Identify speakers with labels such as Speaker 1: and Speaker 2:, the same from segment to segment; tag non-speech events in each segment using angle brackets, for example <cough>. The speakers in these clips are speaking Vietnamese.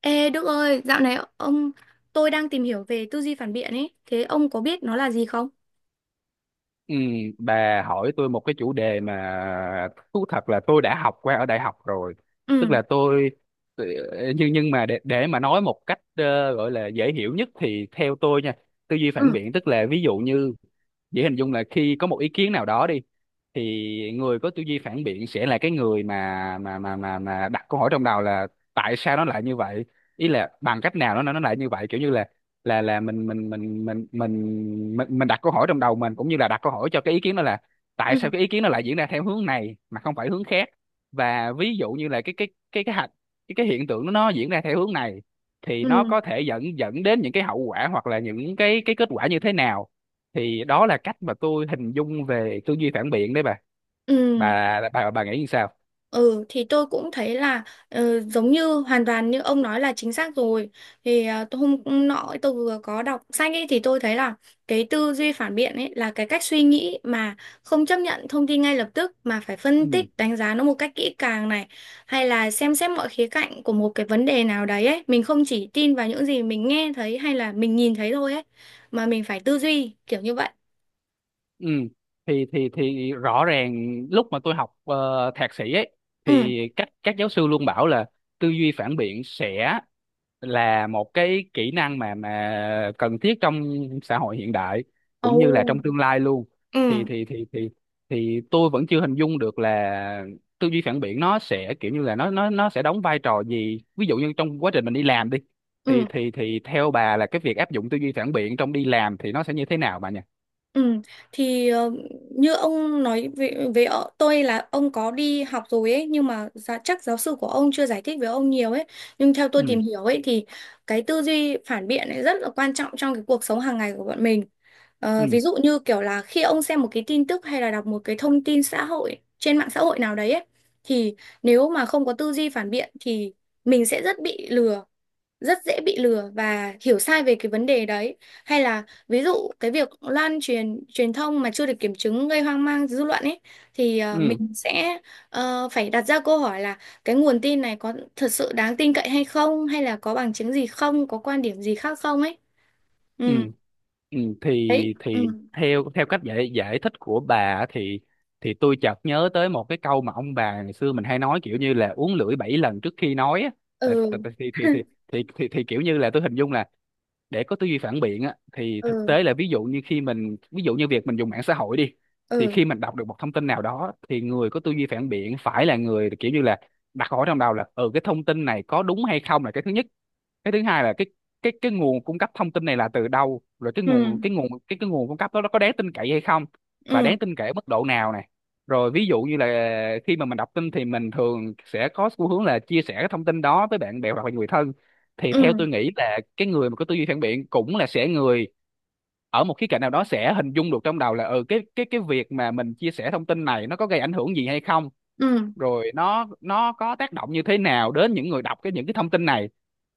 Speaker 1: Ê Đức ơi, dạo này ông, tôi đang tìm hiểu về tư duy phản biện ấy, thế ông có biết nó là gì không?
Speaker 2: Ừ, bà hỏi tôi một cái chủ đề mà thú thật là tôi đã học qua ở đại học rồi, tức
Speaker 1: Ừ,
Speaker 2: là tôi- nhưng mà để mà nói một cách gọi là dễ hiểu nhất thì theo tôi nha, tư duy phản
Speaker 1: ừ,
Speaker 2: biện tức là ví dụ như, dễ hình dung là khi có một ý kiến nào đó đi, thì người có tư duy phản biện sẽ là cái người mà đặt câu hỏi trong đầu là tại sao nó lại như vậy, ý là bằng cách nào nó lại như vậy, kiểu như là mình đặt câu hỏi trong đầu mình, cũng như là đặt câu hỏi cho cái ý kiến đó là tại
Speaker 1: ừ,
Speaker 2: sao cái ý kiến nó lại diễn ra theo hướng này mà không phải hướng khác, và ví dụ như là cái hạch, cái hiện tượng nó diễn ra theo hướng này thì nó
Speaker 1: ừ,
Speaker 2: có thể dẫn dẫn đến những cái hậu quả hoặc là những cái kết quả như thế nào. Thì đó là cách mà tôi hình dung về tư duy phản biện đấy bà.
Speaker 1: ừ.
Speaker 2: Bà nghĩ như sao?
Speaker 1: Ừ thì tôi cũng thấy là giống như hoàn toàn như ông nói là chính xác rồi. Thì tôi hôm nọ tôi vừa có đọc sách ấy thì tôi thấy là cái tư duy phản biện ấy là cái cách suy nghĩ mà không chấp nhận thông tin ngay lập tức mà phải phân
Speaker 2: Ừ.
Speaker 1: tích đánh giá nó một cách kỹ càng này, hay là xem xét mọi khía cạnh của một cái vấn đề nào đấy ấy. Mình không chỉ tin vào những gì mình nghe thấy hay là mình nhìn thấy thôi ấy, mà mình phải tư duy kiểu như vậy.
Speaker 2: Ừ. Thì rõ ràng lúc mà tôi học thạc sĩ ấy,
Speaker 1: Ừ.
Speaker 2: thì các giáo sư luôn bảo là tư duy phản biện sẽ là một cái kỹ năng mà cần thiết trong xã hội hiện đại cũng như là
Speaker 1: Ồ.
Speaker 2: trong tương lai luôn.
Speaker 1: Ừ,
Speaker 2: Thì thì thì thì thì tôi vẫn chưa hình dung được là tư duy phản biện nó sẽ kiểu như là nó sẽ đóng vai trò gì. Ví dụ như trong quá trình mình đi làm đi, thì
Speaker 1: ừ.
Speaker 2: theo bà là cái việc áp dụng tư duy phản biện trong đi làm thì nó sẽ như thế nào bà nhỉ?
Speaker 1: Ừ, thì như ông nói về tôi là ông có đi học rồi ấy, nhưng mà chắc giáo sư của ông chưa giải thích với ông nhiều ấy. Nhưng theo tôi
Speaker 2: Ừ.
Speaker 1: tìm hiểu ấy thì cái tư duy phản biện ấy rất là quan trọng trong cái cuộc sống hàng ngày của bọn mình.
Speaker 2: Ừ.
Speaker 1: Ờ, ví dụ như kiểu là khi ông xem một cái tin tức hay là đọc một cái thông tin xã hội trên mạng xã hội nào đấy ấy, thì nếu mà không có tư duy phản biện thì mình sẽ rất bị lừa, rất dễ bị lừa và hiểu sai về cái vấn đề đấy. Hay là ví dụ cái việc lan truyền truyền thông mà chưa được kiểm chứng gây hoang mang dư luận ấy, thì
Speaker 2: Ừ.
Speaker 1: mình sẽ phải đặt ra câu hỏi là cái nguồn tin này có thật sự đáng tin cậy hay không, hay là có bằng chứng gì không, có quan điểm gì khác không ấy. Ừ.
Speaker 2: Ừ,
Speaker 1: Đấy.
Speaker 2: thì
Speaker 1: Ừ,
Speaker 2: theo theo cách giải giải thích của bà á, thì tôi chợt nhớ tới một cái câu mà ông bà ngày xưa mình hay nói kiểu như là uống lưỡi bảy lần trước khi nói á. Tại, tại,
Speaker 1: ừ,
Speaker 2: tại, thì kiểu như là tôi hình dung là để có tư duy phản biện á, thì thực
Speaker 1: ừ,
Speaker 2: tế là ví dụ như khi mình, ví dụ như việc mình dùng mạng xã hội đi, thì
Speaker 1: ừ,
Speaker 2: khi mình đọc được một thông tin nào đó thì người có tư duy phản biện phải là người kiểu như là đặt hỏi trong đầu là ừ, cái thông tin này có đúng hay không, là cái thứ nhất. Cái thứ hai là cái nguồn cung cấp thông tin này là từ đâu, rồi cái nguồn
Speaker 1: ừ,
Speaker 2: cái nguồn cung cấp đó nó có đáng tin cậy hay không, và
Speaker 1: ừ,
Speaker 2: đáng tin cậy ở mức độ nào này. Rồi ví dụ như là khi mà mình đọc tin thì mình thường sẽ có xu hướng là chia sẻ cái thông tin đó với bạn bè hoặc là người thân, thì
Speaker 1: ừ,
Speaker 2: theo
Speaker 1: ừ,
Speaker 2: tôi nghĩ là cái người mà có tư duy phản biện cũng là sẽ người ở một khía cạnh nào đó sẽ hình dung được trong đầu là ừ, cái việc mà mình chia sẻ thông tin này nó có gây ảnh hưởng gì hay không,
Speaker 1: ừ,
Speaker 2: rồi nó có tác động như thế nào đến những người đọc những cái thông tin này.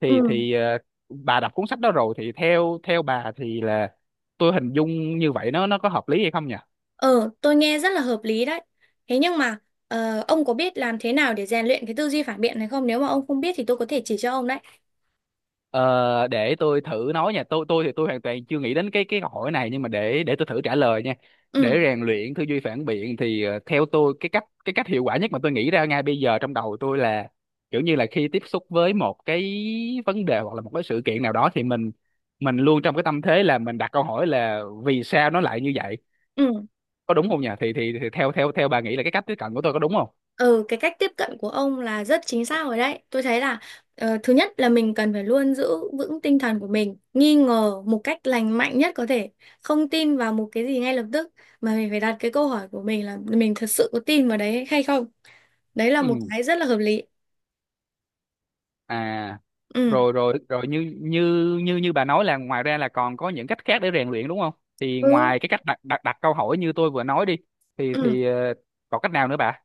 Speaker 2: thì
Speaker 1: ừ.
Speaker 2: thì bà đọc cuốn sách đó rồi thì theo theo bà thì là tôi hình dung như vậy nó có hợp lý hay không nhỉ?
Speaker 1: Ờ, tôi nghe rất là hợp lý đấy. Thế nhưng mà ông có biết làm thế nào để rèn luyện cái tư duy phản biện này không? Nếu mà ông không biết thì tôi có thể chỉ cho ông đấy.
Speaker 2: Ờ, để tôi thử nói nha. Tôi thì tôi hoàn toàn chưa nghĩ đến cái câu hỏi này, nhưng mà để tôi thử trả lời nha.
Speaker 1: Ừ,
Speaker 2: Để rèn luyện tư duy phản biện thì theo tôi, cái cách hiệu quả nhất mà tôi nghĩ ra ngay bây giờ trong đầu tôi là kiểu như là khi tiếp xúc với một cái vấn đề hoặc là một cái sự kiện nào đó thì mình luôn trong cái tâm thế là mình đặt câu hỏi là vì sao nó lại như vậy,
Speaker 1: ừ,
Speaker 2: có đúng không nhỉ? Thì theo theo theo bà nghĩ là cái cách tiếp cận của tôi có đúng không?
Speaker 1: ừ, cái cách tiếp cận của ông là rất chính xác rồi đấy. Tôi thấy là thứ nhất là mình cần phải luôn giữ vững tinh thần của mình, nghi ngờ một cách lành mạnh nhất có thể, không tin vào một cái gì ngay lập tức, mà mình phải đặt cái câu hỏi của mình là mình thật sự có tin vào đấy hay không. Đấy là
Speaker 2: Ừ.
Speaker 1: một cái rất là hợp lý.
Speaker 2: À,
Speaker 1: Ừ,
Speaker 2: rồi rồi rồi như như như như bà nói là ngoài ra là còn có những cách khác để rèn luyện đúng không? Thì
Speaker 1: ừ,
Speaker 2: ngoài cái cách đặt đặt đặt câu hỏi như tôi vừa nói đi, thì
Speaker 1: ừ.
Speaker 2: còn cách nào nữa bà?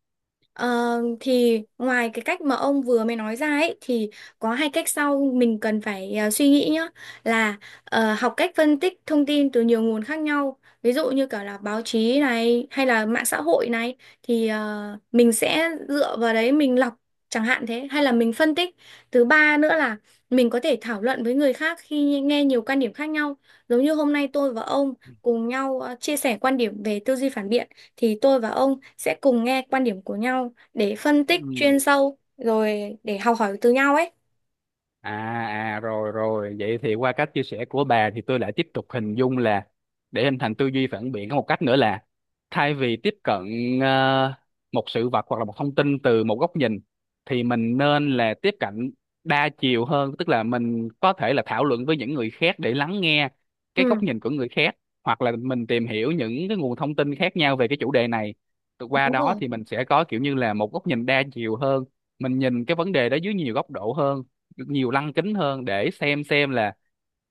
Speaker 1: Ờ, thì ngoài cái cách mà ông vừa mới nói ra ấy, thì có hai cách sau mình cần phải suy nghĩ nhá. Là học cách phân tích thông tin từ nhiều nguồn khác nhau, ví dụ như cả là báo chí này hay là mạng xã hội này, thì mình sẽ dựa vào đấy mình lọc chẳng hạn thế, hay là mình phân tích. Thứ ba nữa là mình có thể thảo luận với người khác khi nghe nhiều quan điểm khác nhau, giống như hôm nay tôi và ông cùng nhau chia sẻ quan điểm về tư duy phản biện, thì tôi và ông sẽ cùng nghe quan điểm của nhau để phân
Speaker 2: Ừ.
Speaker 1: tích chuyên sâu rồi để học hỏi từ nhau ấy.
Speaker 2: À, à rồi rồi, vậy thì qua cách chia sẻ của bà thì tôi lại tiếp tục hình dung là để hình thành tư duy phản biện có một cách nữa là thay vì tiếp cận ờ, một sự vật hoặc là một thông tin từ một góc nhìn, thì mình nên là tiếp cận đa chiều hơn, tức là mình có thể là thảo luận với những người khác để lắng nghe cái góc
Speaker 1: Ừ.
Speaker 2: nhìn của người khác, hoặc là mình tìm hiểu những cái nguồn thông tin khác nhau về cái chủ đề này. Qua
Speaker 1: Đúng
Speaker 2: đó
Speaker 1: rồi.
Speaker 2: thì mình sẽ có kiểu như là một góc nhìn đa chiều hơn, mình nhìn cái vấn đề đó dưới nhiều góc độ hơn, nhiều lăng kính hơn, để xem là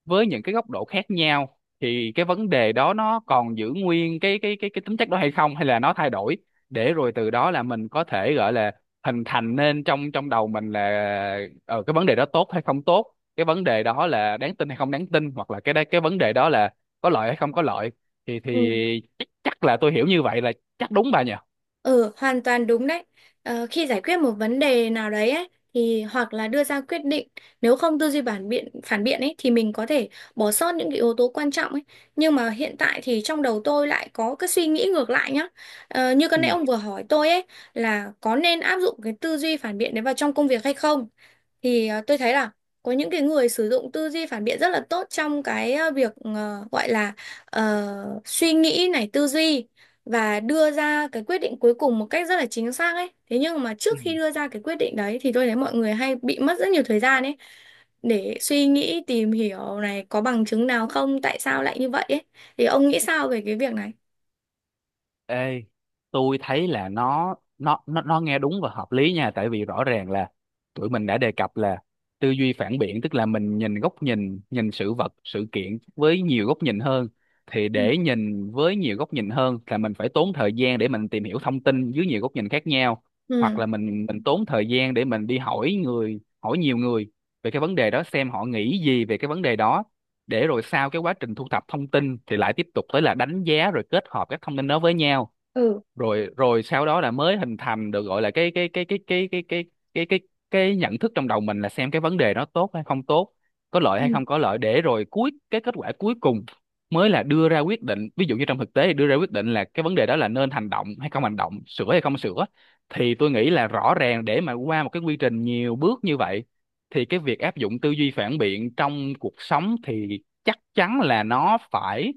Speaker 2: với những cái góc độ khác nhau thì cái vấn đề đó nó còn giữ nguyên cái tính chất đó hay không, hay là nó thay đổi. Để rồi từ đó là mình có thể gọi là hình thành nên trong trong đầu mình là cái vấn đề đó tốt hay không tốt, cái vấn đề đó là đáng tin hay không đáng tin, hoặc là cái vấn đề đó là có lợi hay không có lợi. Thì
Speaker 1: Ừ.
Speaker 2: chắc là tôi hiểu như vậy là chắc đúng bà nhỉ.
Speaker 1: Ừ, hoàn toàn đúng đấy. Ờ, khi giải quyết một vấn đề nào đấy ấy, thì hoặc là đưa ra quyết định, nếu không tư duy phản biện ấy thì mình có thể bỏ sót những cái yếu tố quan trọng ấy. Nhưng mà hiện tại thì trong đầu tôi lại có cái suy nghĩ ngược lại nhá. Ờ, như cái
Speaker 2: Ừ.
Speaker 1: nãy ông vừa hỏi tôi ấy là có nên áp dụng cái tư duy phản biện đấy vào trong công việc hay không? Thì tôi thấy là có những cái người sử dụng tư duy phản biện rất là tốt trong cái việc gọi là suy nghĩ này, tư duy và đưa ra cái quyết định cuối cùng một cách rất là chính xác ấy. Thế nhưng mà
Speaker 2: Ừ.
Speaker 1: trước khi đưa ra cái quyết định đấy thì tôi thấy mọi người hay bị mất rất nhiều thời gian ấy để suy nghĩ, tìm hiểu này có bằng chứng nào không, tại sao lại như vậy ấy. Thì ông nghĩ sao về cái việc này?
Speaker 2: Ê, tôi thấy là nó nghe đúng và hợp lý nha, tại vì rõ ràng là tụi mình đã đề cập là tư duy phản biện tức là mình nhìn góc nhìn nhìn sự vật, sự kiện với nhiều góc nhìn hơn, thì
Speaker 1: Ừ.
Speaker 2: để nhìn với nhiều góc nhìn hơn là mình phải tốn thời gian để mình tìm hiểu thông tin dưới nhiều góc nhìn khác nhau, hoặc
Speaker 1: Ừ.
Speaker 2: là mình tốn thời gian để mình đi hỏi người, hỏi nhiều người về cái vấn đề đó, xem họ nghĩ gì về cái vấn đề đó, để rồi sau cái quá trình thu thập thông tin thì lại tiếp tục tới là đánh giá rồi kết hợp các thông tin đó với nhau.
Speaker 1: Ừ,
Speaker 2: Rồi rồi sau đó là mới hình thành được, gọi là cái cái cái nhận thức trong đầu mình, là xem cái vấn đề nó tốt hay không tốt, có lợi hay
Speaker 1: ừ.
Speaker 2: không có lợi, để rồi cuối, cái kết quả cuối cùng mới là đưa ra quyết định. Ví dụ như trong thực tế thì đưa ra quyết định là cái vấn đề đó là nên hành động hay không hành động, sửa hay không sửa. Thì tôi nghĩ là rõ ràng để mà qua một cái quy trình nhiều bước như vậy thì cái việc áp dụng tư duy phản biện trong cuộc sống thì chắc chắn là nó phải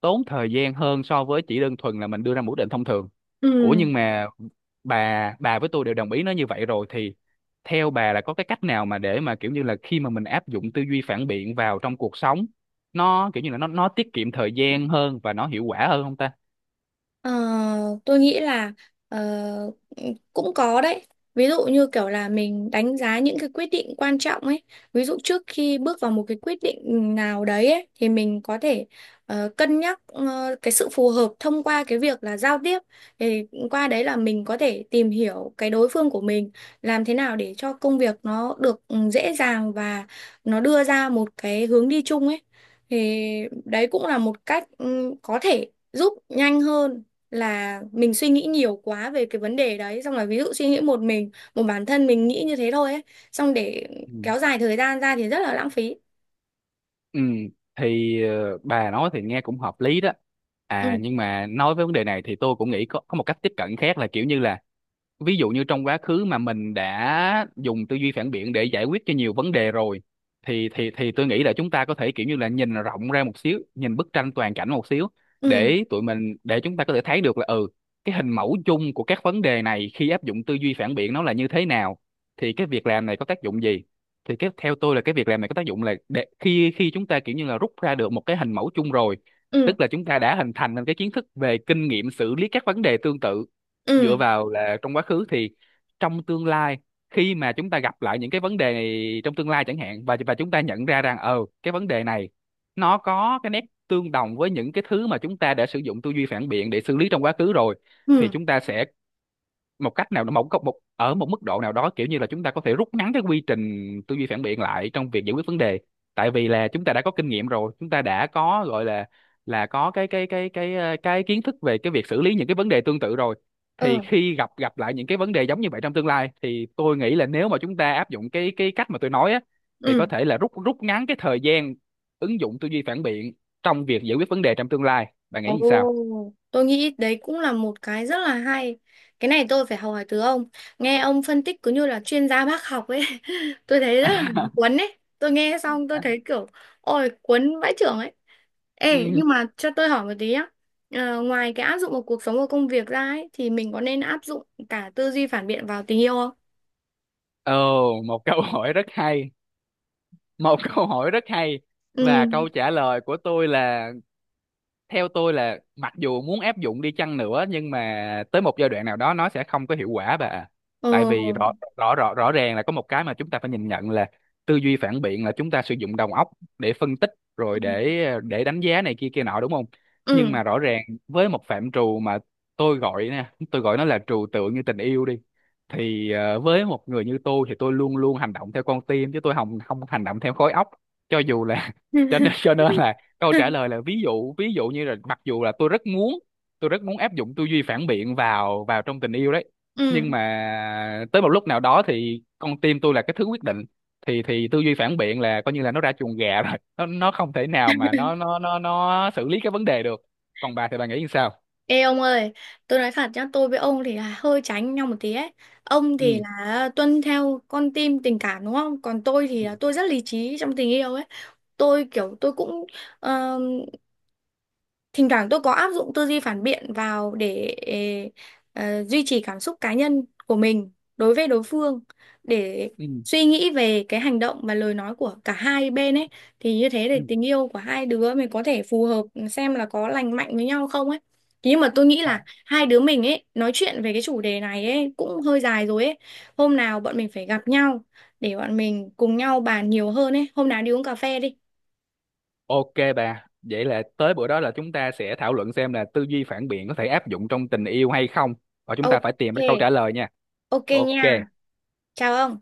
Speaker 2: tốn thời gian hơn so với chỉ đơn thuần là mình đưa ra một quyết định thông thường. Ủa
Speaker 1: Ừ.
Speaker 2: nhưng mà bà với tôi đều đồng ý nó như vậy rồi, thì theo bà là có cái cách nào mà để mà kiểu như là khi mà mình áp dụng tư duy phản biện vào trong cuộc sống nó kiểu như là nó tiết kiệm thời gian hơn và nó hiệu quả hơn không ta?
Speaker 1: Ờ, tôi nghĩ là ờ, cũng có đấy. Ví dụ như kiểu là mình đánh giá những cái quyết định quan trọng ấy. Ví dụ trước khi bước vào một cái quyết định nào đấy ấy, thì mình có thể cân nhắc cái sự phù hợp thông qua cái việc là giao tiếp. Thì qua đấy là mình có thể tìm hiểu cái đối phương của mình, làm thế nào để cho công việc nó được dễ dàng và nó đưa ra một cái hướng đi chung ấy. Thì đấy cũng là một cách có thể giúp nhanh hơn là mình suy nghĩ nhiều quá về cái vấn đề đấy, xong rồi ví dụ suy nghĩ một mình, một bản thân mình nghĩ như thế thôi ấy, xong để
Speaker 2: Ừ.
Speaker 1: kéo dài thời gian ra thì rất là lãng phí.
Speaker 2: Ừ. Thì bà nói thì nghe cũng hợp lý đó. À
Speaker 1: Ừ,
Speaker 2: nhưng mà nói với vấn đề này thì tôi cũng nghĩ có một cách tiếp cận khác là kiểu như là ví dụ như trong quá khứ mà mình đã dùng tư duy phản biện để giải quyết cho nhiều vấn đề rồi, thì thì tôi nghĩ là chúng ta có thể kiểu như là nhìn rộng ra một xíu, nhìn bức tranh toàn cảnh một xíu,
Speaker 1: ừ,
Speaker 2: để tụi mình, để chúng ta có thể thấy được là ừ, cái hình mẫu chung của các vấn đề này khi áp dụng tư duy phản biện nó là như thế nào, thì cái việc làm này có tác dụng gì. Thì theo tôi là cái việc làm này có tác dụng là để khi khi chúng ta kiểu như là rút ra được một cái hình mẫu chung rồi,
Speaker 1: ừ,
Speaker 2: tức là chúng ta đã hình thành nên cái kiến thức về kinh nghiệm xử lý các vấn đề tương tự, dựa
Speaker 1: ừ,
Speaker 2: vào là trong quá khứ. Thì trong tương lai, khi mà chúng ta gặp lại những cái vấn đề này trong tương lai chẳng hạn, và chúng ta nhận ra rằng ờ, cái vấn đề này nó có cái nét tương đồng với những cái thứ mà chúng ta đã sử dụng tư duy phản biện để xử lý trong quá khứ rồi, thì
Speaker 1: ừ,
Speaker 2: chúng ta sẽ một cách nào đó, một ở một mức độ nào đó kiểu như là chúng ta có thể rút ngắn cái quy trình tư duy phản biện lại trong việc giải quyết vấn đề, tại vì là chúng ta đã có kinh nghiệm rồi, chúng ta đã có gọi là có cái kiến thức về cái việc xử lý những cái vấn đề tương tự rồi. Thì
Speaker 1: ừ,
Speaker 2: khi gặp gặp lại những cái vấn đề giống như vậy trong tương lai thì tôi nghĩ là nếu mà chúng ta áp dụng cái cách mà tôi nói á thì
Speaker 1: ừ.
Speaker 2: có thể là rút rút ngắn cái thời gian ứng dụng tư duy phản biện trong việc giải quyết vấn đề trong tương lai. Bạn nghĩ
Speaker 1: Ồ,
Speaker 2: như sao?
Speaker 1: tôi nghĩ đấy cũng là một cái rất là hay. Cái này tôi phải học hỏi từ ông. Nghe ông phân tích cứ như là chuyên gia bác học ấy. <laughs> Tôi thấy rất là cuốn ấy. Tôi nghe xong tôi thấy kiểu, ôi cuốn vãi chưởng ấy. Ê,
Speaker 2: Ừ,
Speaker 1: nhưng mà cho tôi hỏi một tí á. Ờ, ngoài cái áp dụng vào cuộc sống và công việc ra ấy, thì mình có nên áp dụng cả tư duy phản biện vào tình yêu không?
Speaker 2: ồ, một câu hỏi rất hay, một <laughs> câu hỏi rất hay. Và
Speaker 1: Ừ.
Speaker 2: câu trả lời của tôi là theo tôi là mặc dù muốn áp dụng đi chăng nữa nhưng mà tới một giai đoạn nào đó nó sẽ không có hiệu quả bà ạ.
Speaker 1: Ồ.
Speaker 2: Tại vì rõ rõ rõ rõ ràng là có một cái mà chúng ta phải nhìn nhận là tư duy phản biện là chúng ta sử dụng đầu óc để phân tích, rồi để đánh giá này kia kia nọ đúng không. Nhưng
Speaker 1: Ừ.
Speaker 2: mà rõ ràng với một phạm trù mà tôi gọi nè, tôi gọi nó là trừu tượng, như tình yêu đi, thì với một người như tôi thì tôi luôn luôn hành động theo con tim chứ tôi không không hành động theo khối óc, cho dù là
Speaker 1: Ừ.
Speaker 2: <laughs> cho nên là câu trả
Speaker 1: <laughs>
Speaker 2: lời là ví dụ, như là mặc dù là tôi rất muốn, tôi rất muốn áp dụng tư duy phản biện vào vào trong tình yêu đấy,
Speaker 1: Ừ.
Speaker 2: nhưng mà tới một lúc nào đó thì con tim tôi là cái thứ quyết định, thì tư duy phản biện là coi như là nó ra chuồng gà <laughs> rồi, nó không thể nào mà nó xử lý cái vấn đề được. Còn bà thì bà nghĩ sao?
Speaker 1: Ê ông ơi, tôi nói thật nhá, tôi với ông thì là hơi tránh nhau một tí ấy. Ông
Speaker 2: Ừ.
Speaker 1: thì là tuân theo con tim tình cảm đúng không? Còn tôi thì
Speaker 2: Ừ.
Speaker 1: là tôi rất lý trí trong tình yêu ấy. Tôi kiểu, tôi cũng ờ, thỉnh thoảng tôi có áp dụng tư duy phản biện vào để duy trì cảm xúc cá nhân của mình đối với đối phương, để
Speaker 2: Ừ.
Speaker 1: suy nghĩ về cái hành động và lời nói của cả hai bên ấy, thì như thế để
Speaker 2: Ừ.
Speaker 1: tình yêu của hai đứa mình có thể phù hợp, xem là có lành mạnh với nhau không ấy. Thế nhưng mà tôi nghĩ
Speaker 2: À,
Speaker 1: là hai đứa mình ấy nói chuyện về cái chủ đề này ấy cũng hơi dài rồi ấy, hôm nào bọn mình phải gặp nhau để bọn mình cùng nhau bàn nhiều hơn ấy, hôm nào đi uống cà phê đi.
Speaker 2: ok bà, vậy là tới bữa đó là chúng ta sẽ thảo luận xem là tư duy phản biện có thể áp dụng trong tình yêu hay không, và chúng ta
Speaker 1: Ok.
Speaker 2: phải tìm ra câu trả lời nha.
Speaker 1: Ok
Speaker 2: Ok.
Speaker 1: nha. Chào ông.